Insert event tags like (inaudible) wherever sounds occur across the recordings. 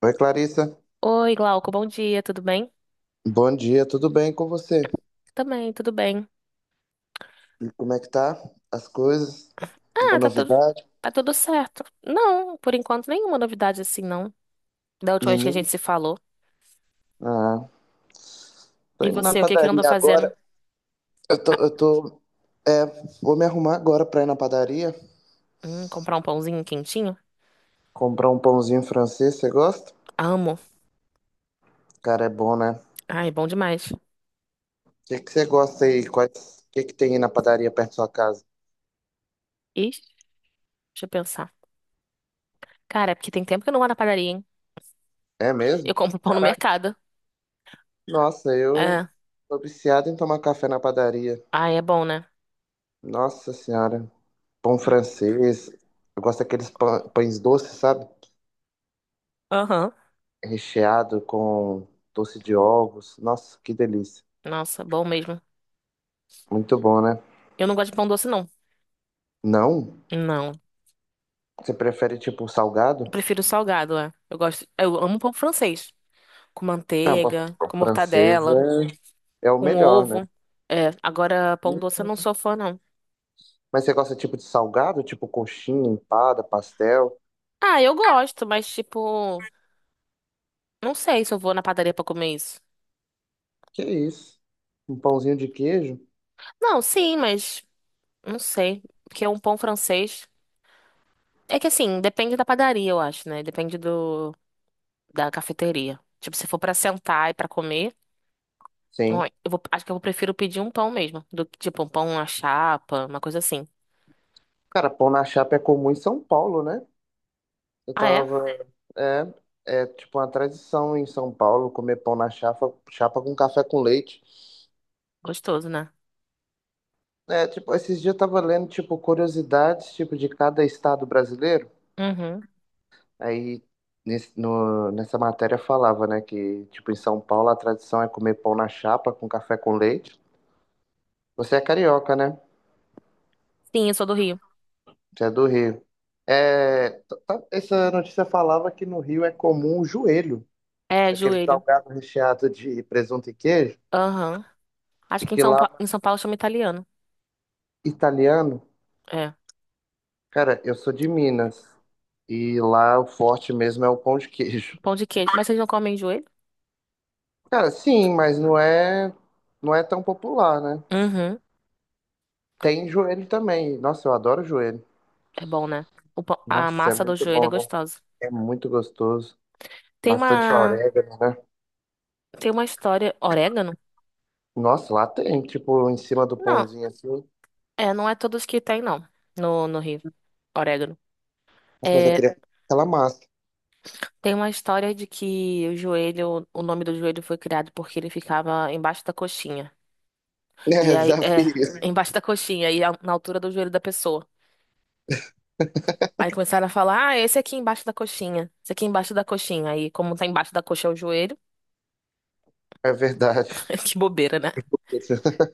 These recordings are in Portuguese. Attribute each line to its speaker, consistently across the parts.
Speaker 1: Oi, Clarissa.
Speaker 2: Oi, Glauco, bom dia, tudo bem?
Speaker 1: Bom dia, tudo bem com você?
Speaker 2: Também, tudo bem.
Speaker 1: E como é que tá? As coisas? Uma
Speaker 2: Ah,
Speaker 1: novidade?
Speaker 2: tá tudo certo. Não, por enquanto, nenhuma novidade assim, não. Da última vez que a
Speaker 1: Nenhuma?
Speaker 2: gente se falou.
Speaker 1: Ah, tô
Speaker 2: E
Speaker 1: indo na
Speaker 2: você, o que que andou
Speaker 1: padaria agora.
Speaker 2: fazendo?
Speaker 1: Eu tô,
Speaker 2: Ah,
Speaker 1: eu tô, é, vou me arrumar agora pra ir na padaria,
Speaker 2: comprar um pãozinho quentinho?
Speaker 1: comprar um pãozinho francês, você gosta?
Speaker 2: Amo.
Speaker 1: Cara, é bom, né? O
Speaker 2: Ai, bom demais.
Speaker 1: que que você gosta aí? Quais, o que que tem aí na padaria perto da sua casa?
Speaker 2: Ixi, deixa eu pensar. Cara, é porque tem tempo que eu não vou na padaria, hein?
Speaker 1: É
Speaker 2: Eu
Speaker 1: mesmo?
Speaker 2: compro pão no
Speaker 1: Caraca.
Speaker 2: mercado.
Speaker 1: Nossa, eu
Speaker 2: É.
Speaker 1: tô viciado em tomar café na padaria.
Speaker 2: Ai, é bom, né?
Speaker 1: Nossa Senhora. Pão
Speaker 2: Hum,
Speaker 1: francês. Eu gosto daqueles pães doces, sabe?
Speaker 2: Aham.
Speaker 1: Recheado com doce de ovos. Nossa, que delícia.
Speaker 2: Nossa, bom mesmo.
Speaker 1: Muito bom, né?
Speaker 2: Eu não gosto de pão doce, não.
Speaker 1: Não?
Speaker 2: Não.
Speaker 1: Você prefere tipo
Speaker 2: Eu
Speaker 1: salgado?
Speaker 2: prefiro salgado, é. Eu gosto. Eu amo pão francês com
Speaker 1: Não,
Speaker 2: manteiga, com
Speaker 1: francesa
Speaker 2: mortadela,
Speaker 1: é o
Speaker 2: com
Speaker 1: melhor, né?
Speaker 2: ovo. É, agora pão doce eu não sou fã, não.
Speaker 1: Mas você gosta tipo de salgado, tipo coxinha, empada, pastel?
Speaker 2: Ah, eu gosto, mas tipo, não sei se eu vou na padaria pra comer isso.
Speaker 1: Que isso? Um pãozinho de queijo?
Speaker 2: Não, sim, mas não sei, porque é um pão francês. É que assim, depende da padaria, eu acho, né? Depende do da cafeteria. Tipo, se for pra sentar e pra comer, ó,
Speaker 1: Sim.
Speaker 2: acho que eu prefiro pedir um pão mesmo, do que tipo um pão à chapa, uma coisa assim.
Speaker 1: Cara, pão na chapa é comum em São Paulo, né? Eu
Speaker 2: Ah, é?
Speaker 1: tava. É, é tipo uma tradição em São Paulo comer pão na chapa, chapa com café com leite.
Speaker 2: Gostoso, né?
Speaker 1: É, tipo, esses dias eu tava lendo, tipo, curiosidades, tipo, de cada estado brasileiro.
Speaker 2: Uhum.
Speaker 1: Aí, nessa matéria falava, né, que, tipo, em São Paulo a tradição é comer pão na chapa com café com leite. Você é carioca, né?
Speaker 2: Sim, eu sou do Rio.
Speaker 1: Você é do Rio. É, essa notícia falava que no Rio é comum o joelho,
Speaker 2: É,
Speaker 1: aquele
Speaker 2: joelho.
Speaker 1: salgado recheado de presunto e queijo,
Speaker 2: Aham.
Speaker 1: e
Speaker 2: Acho que em
Speaker 1: que
Speaker 2: São,
Speaker 1: lá,
Speaker 2: Pa- em São Paulo chama italiano.
Speaker 1: italiano,
Speaker 2: É.
Speaker 1: cara, eu sou de Minas, e lá o forte mesmo é o pão de queijo.
Speaker 2: Pão de queijo. Mas vocês não comem joelho?
Speaker 1: Cara, sim, não é tão popular, né?
Speaker 2: Uhum.
Speaker 1: Tem joelho também. Nossa, eu adoro joelho.
Speaker 2: É bom, né? A
Speaker 1: Nossa, é
Speaker 2: massa do
Speaker 1: muito
Speaker 2: joelho é
Speaker 1: bom, né?
Speaker 2: gostosa.
Speaker 1: É muito gostoso.
Speaker 2: Tem
Speaker 1: Bastante
Speaker 2: uma...
Speaker 1: orégano, né?
Speaker 2: Tem uma história... Orégano?
Speaker 1: Nossa, lá tem, tipo, em cima do
Speaker 2: Não.
Speaker 1: pãozinho assim. Nossa,
Speaker 2: É, não é todos que tem, não. No Rio. Orégano.
Speaker 1: mas eu
Speaker 2: É,
Speaker 1: queria aquela massa. (laughs)
Speaker 2: tem uma história de que o joelho... O nome do joelho foi criado porque ele ficava embaixo da coxinha. E
Speaker 1: É,
Speaker 2: aí...
Speaker 1: já
Speaker 2: É.
Speaker 1: vi.
Speaker 2: (laughs) Embaixo da coxinha. Na altura do joelho da pessoa. Aí começaram a falar, ah, esse aqui embaixo da coxinha, esse aqui embaixo da coxinha. Aí, como tá embaixo da coxa é o joelho,
Speaker 1: É verdade.
Speaker 2: (laughs) que bobeira, né?
Speaker 1: (laughs)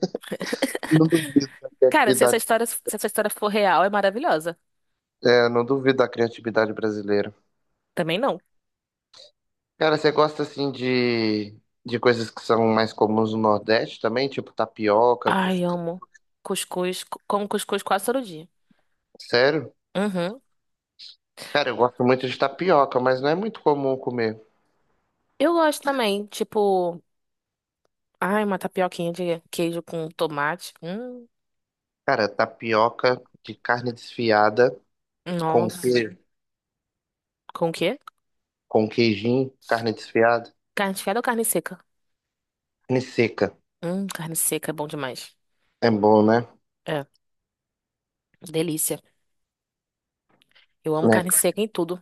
Speaker 1: Não duvido da
Speaker 2: Cara,
Speaker 1: criatividade,
Speaker 2: se essa história for real, é maravilhosa.
Speaker 1: é, não duvido da criatividade brasileira.
Speaker 2: Também não.
Speaker 1: Cara, você gosta assim de coisas que são mais comuns no Nordeste também? Tipo tapioca,
Speaker 2: Ai,
Speaker 1: cuscuz?
Speaker 2: amo. Como cuscuz quase todo dia.
Speaker 1: Sério?
Speaker 2: Uhum.
Speaker 1: Cara, eu gosto muito de tapioca, mas não é muito comum comer.
Speaker 2: Eu gosto também, tipo, ai, uma tapioquinha de queijo com tomate.
Speaker 1: Cara, tapioca de carne desfiada com
Speaker 2: Nossa.
Speaker 1: queijo,
Speaker 2: Com o quê?
Speaker 1: com queijinho, carne desfiada,
Speaker 2: Carne desfiada ou carne seca?
Speaker 1: carne seca.
Speaker 2: Carne seca é bom demais.
Speaker 1: É bom, né?
Speaker 2: É, delícia. Eu amo
Speaker 1: Né?
Speaker 2: carne seca em tudo.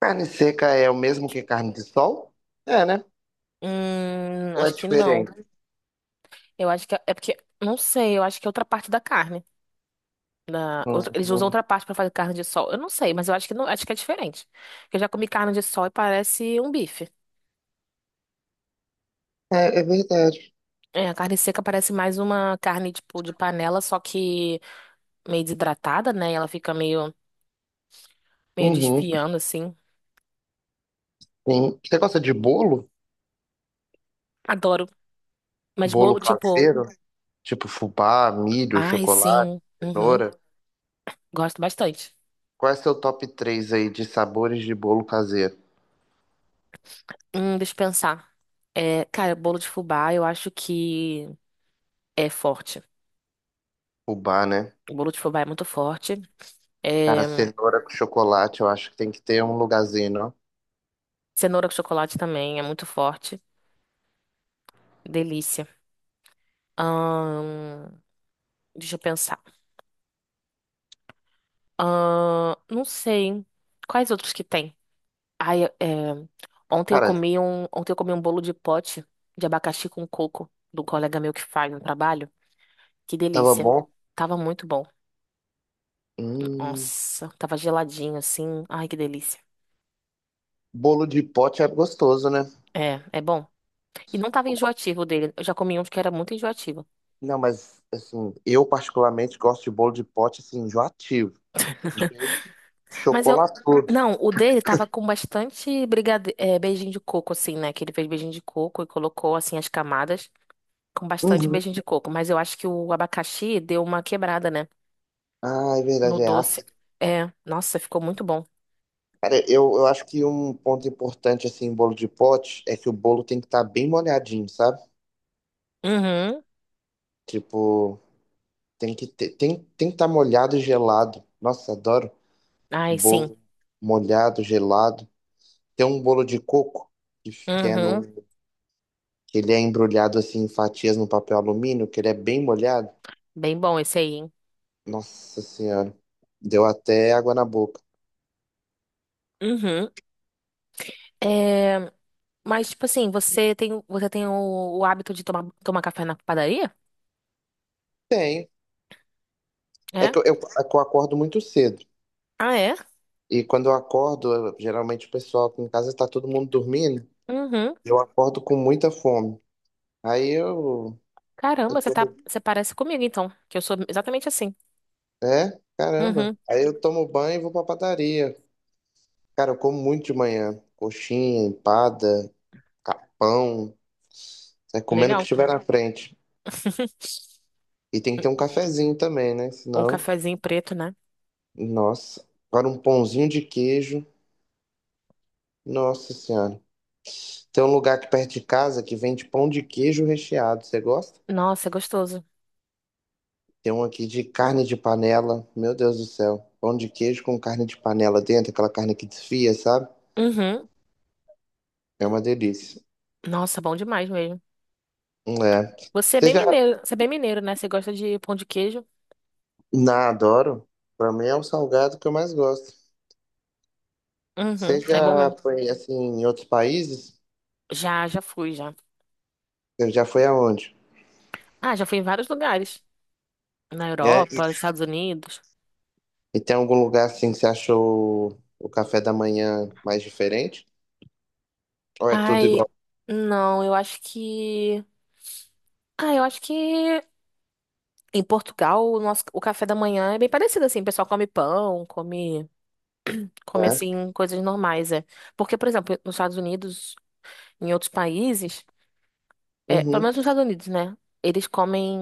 Speaker 1: Carne seca é o mesmo que carne de sol? É, né? Ou é
Speaker 2: Acho que não.
Speaker 1: diferente?
Speaker 2: Eu acho que é porque não sei, eu acho que é outra parte da carne. Eles usam
Speaker 1: Uhum.
Speaker 2: outra parte pra fazer carne de sol. Eu não sei, mas eu acho que não, acho que é diferente. Eu já comi carne de sol e parece um bife.
Speaker 1: É, é verdade.
Speaker 2: É, a carne seca parece mais uma carne tipo de panela, só que meio desidratada, né? E ela fica meio
Speaker 1: Uhum.
Speaker 2: desfiando assim.
Speaker 1: Sim. Você gosta de bolo?
Speaker 2: Adoro. Mas
Speaker 1: Bolo
Speaker 2: bolo tipo,
Speaker 1: caseiro? Tipo fubá, milho,
Speaker 2: ai,
Speaker 1: chocolate,
Speaker 2: sim. Uhum,
Speaker 1: cenoura?
Speaker 2: gosto bastante.
Speaker 1: Qual é seu top 3 aí de sabores de bolo caseiro?
Speaker 2: Deixa eu pensar. É, cara, bolo de fubá, eu acho que é forte.
Speaker 1: Fubá, né?
Speaker 2: O bolo de fubá é muito forte.
Speaker 1: Cara,
Speaker 2: É,
Speaker 1: cenoura com chocolate, eu acho que tem que ter um lugarzinho, não?
Speaker 2: cenoura com chocolate também é muito forte. Delícia. Ahn, deixa eu pensar. Não sei. Quais outros que tem? Ai, é,
Speaker 1: Cara,
Speaker 2: ontem eu comi um bolo de pote de abacaxi com coco do colega meu que faz no trabalho. Que
Speaker 1: tava
Speaker 2: delícia.
Speaker 1: bom.
Speaker 2: Tava muito bom.
Speaker 1: Hum,
Speaker 2: Nossa, tava geladinho assim. Ai, que delícia.
Speaker 1: bolo de pote é gostoso, né?
Speaker 2: É, é bom. E não tava enjoativo o dele. Eu já comi um que era muito enjoativo.
Speaker 1: Não, mas assim, eu particularmente gosto de bolo de pote assim, enjoativo.
Speaker 2: Mas eu.
Speaker 1: Chocolatudo.
Speaker 2: Não, o dele tava com bastante beijinho de coco, assim, né? Que ele fez beijinho de coco e colocou, assim, as camadas com bastante
Speaker 1: Uhum.
Speaker 2: beijinho de coco, mas eu acho que o abacaxi deu uma quebrada, né?
Speaker 1: Ah, é
Speaker 2: No
Speaker 1: verdade, é
Speaker 2: doce.
Speaker 1: ácido.
Speaker 2: É, nossa, ficou muito bom.
Speaker 1: Cara, eu acho que um ponto importante assim em bolo de pote é que o bolo tem que estar bem molhadinho, sabe?
Speaker 2: Uhum.
Speaker 1: Tipo, tem que estar molhado e gelado. Nossa, adoro
Speaker 2: Ai, sim.
Speaker 1: bolo molhado, gelado. Tem um bolo de coco que, que é no,
Speaker 2: Uhum.
Speaker 1: que ele é embrulhado assim em fatias no papel alumínio, que ele é bem molhado.
Speaker 2: Bem bom esse aí, hein?
Speaker 1: Nossa Senhora, deu até água na boca.
Speaker 2: Uhum. É, mas, tipo assim, você tem o hábito de tomar café na padaria?
Speaker 1: Tem. É
Speaker 2: É?
Speaker 1: que é que eu acordo muito cedo.
Speaker 2: Ah, é?
Speaker 1: E quando eu acordo, eu- geralmente o pessoal aqui em casa está todo mundo dormindo.
Speaker 2: Uhum.
Speaker 1: Eu acordo com muita fome. Aí eu, eu
Speaker 2: Caramba,
Speaker 1: tomo.
Speaker 2: você parece comigo, então, que eu sou exatamente assim.
Speaker 1: É? Caramba.
Speaker 2: Uhum.
Speaker 1: Aí eu tomo banho e vou pra padaria. Cara, eu como muito de manhã. Coxinha, empada, capão, né, comendo o que
Speaker 2: Legal.
Speaker 1: tiver na frente.
Speaker 2: (laughs)
Speaker 1: E tem que ter um cafezinho também, né?
Speaker 2: Um
Speaker 1: Senão,
Speaker 2: cafezinho preto, né?
Speaker 1: nossa. Agora um pãozinho de queijo, nossa senhora. Tem um lugar aqui perto de casa que vende pão de queijo recheado, você gosta?
Speaker 2: Nossa, é gostoso.
Speaker 1: Tem um aqui de carne de panela, meu Deus do céu. Pão de queijo com carne de panela dentro, aquela carne que desfia, sabe?
Speaker 2: Uhum.
Speaker 1: É uma delícia.
Speaker 2: Nossa, bom demais mesmo.
Speaker 1: É. Você já...
Speaker 2: Você é bem mineiro, né? Você gosta de pão de queijo?
Speaker 1: Na, adoro. Pra mim é o salgado que eu mais gosto. Você
Speaker 2: Uhum, é bom
Speaker 1: já
Speaker 2: mesmo.
Speaker 1: foi, assim, em outros países?
Speaker 2: Já, já fui, já.
Speaker 1: Você já foi aonde?
Speaker 2: Ah, já fui em vários lugares. Na
Speaker 1: É? E
Speaker 2: Europa, nos Estados Unidos.
Speaker 1: e tem algum lugar assim que você achou o café da manhã mais diferente? Ou é tudo
Speaker 2: Ai,
Speaker 1: igual?
Speaker 2: não, eu acho que. Ah, eu acho que em Portugal o café da manhã é bem parecido assim. O pessoal come pão, come, come
Speaker 1: Né?
Speaker 2: assim coisas normais, é. Porque, por exemplo, nos Estados Unidos, em outros países, é, pelo
Speaker 1: Uhum,
Speaker 2: menos nos Estados Unidos, né? Eles comem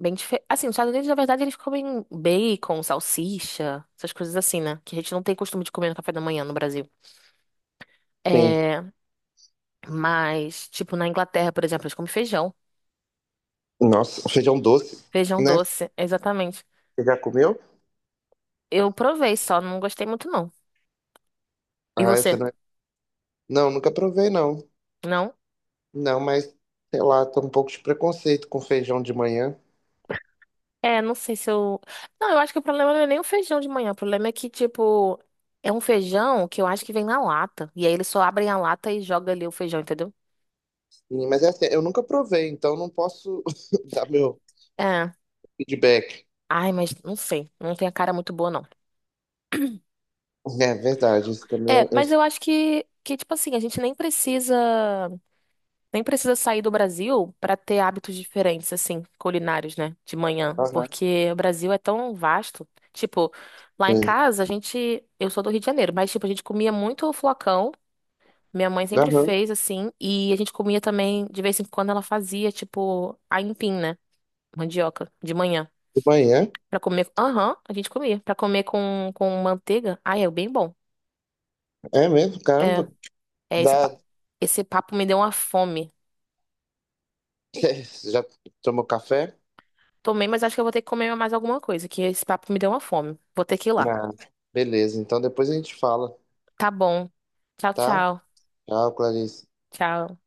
Speaker 2: bem diferente. Assim, nos Estados Unidos, na verdade, eles comem bacon, salsicha, essas coisas assim, né? Que a gente não tem costume de comer no café da manhã no Brasil.
Speaker 1: sim.
Speaker 2: É, mas, tipo, na Inglaterra, por exemplo, eles comem feijão.
Speaker 1: Nossa, feijão doce,
Speaker 2: Feijão
Speaker 1: né?
Speaker 2: doce, exatamente.
Speaker 1: Você já comeu?
Speaker 2: Eu provei só, não gostei muito, não. E
Speaker 1: Ah, essa
Speaker 2: você?
Speaker 1: não é... Não, nunca provei, não.
Speaker 2: Não?
Speaker 1: Não, mas, sei lá, tô um pouco de preconceito com feijão de manhã.
Speaker 2: É, não sei se eu. Não, eu acho que o problema não é nem o feijão de manhã. O problema é que, tipo, é um feijão que eu acho que vem na lata. E aí eles só abrem a lata e jogam ali o feijão, entendeu?
Speaker 1: Sim, mas é assim, eu nunca provei, então não posso (laughs) dar meu
Speaker 2: É.
Speaker 1: feedback.
Speaker 2: Ai, mas não sei. Não tem a cara muito boa, não.
Speaker 1: É verdade, isso também
Speaker 2: É,
Speaker 1: é... é,
Speaker 2: mas eu acho que tipo assim, a gente nem precisa, nem precisa sair do Brasil pra ter hábitos diferentes, assim, culinários, né? De manhã.
Speaker 1: aham,
Speaker 2: Porque o Brasil é tão vasto. Tipo, lá em
Speaker 1: sim.
Speaker 2: casa, a gente. Eu sou do Rio de Janeiro, mas, tipo, a gente comia muito flocão. Minha mãe sempre
Speaker 1: Aham,
Speaker 2: fez, assim. E a gente comia também, de vez em quando, ela fazia, tipo, aipim, né? Mandioca, de manhã.
Speaker 1: de manhã,
Speaker 2: Pra comer. Aham, a gente comia. Pra comer com manteiga. Ai, é bem bom.
Speaker 1: é mesmo, caramba.
Speaker 2: É. É, esse,
Speaker 1: Dá,
Speaker 2: pa- esse papo me deu uma fome.
Speaker 1: (laughs) você já tomou café?
Speaker 2: Tomei, mas acho que eu vou ter que comer mais alguma coisa, que esse papo me deu uma fome. Vou ter que ir lá.
Speaker 1: Ah, beleza. Então depois a gente fala,
Speaker 2: Tá bom. Tchau,
Speaker 1: tá?
Speaker 2: tchau.
Speaker 1: Tchau, Clarice.
Speaker 2: Tchau.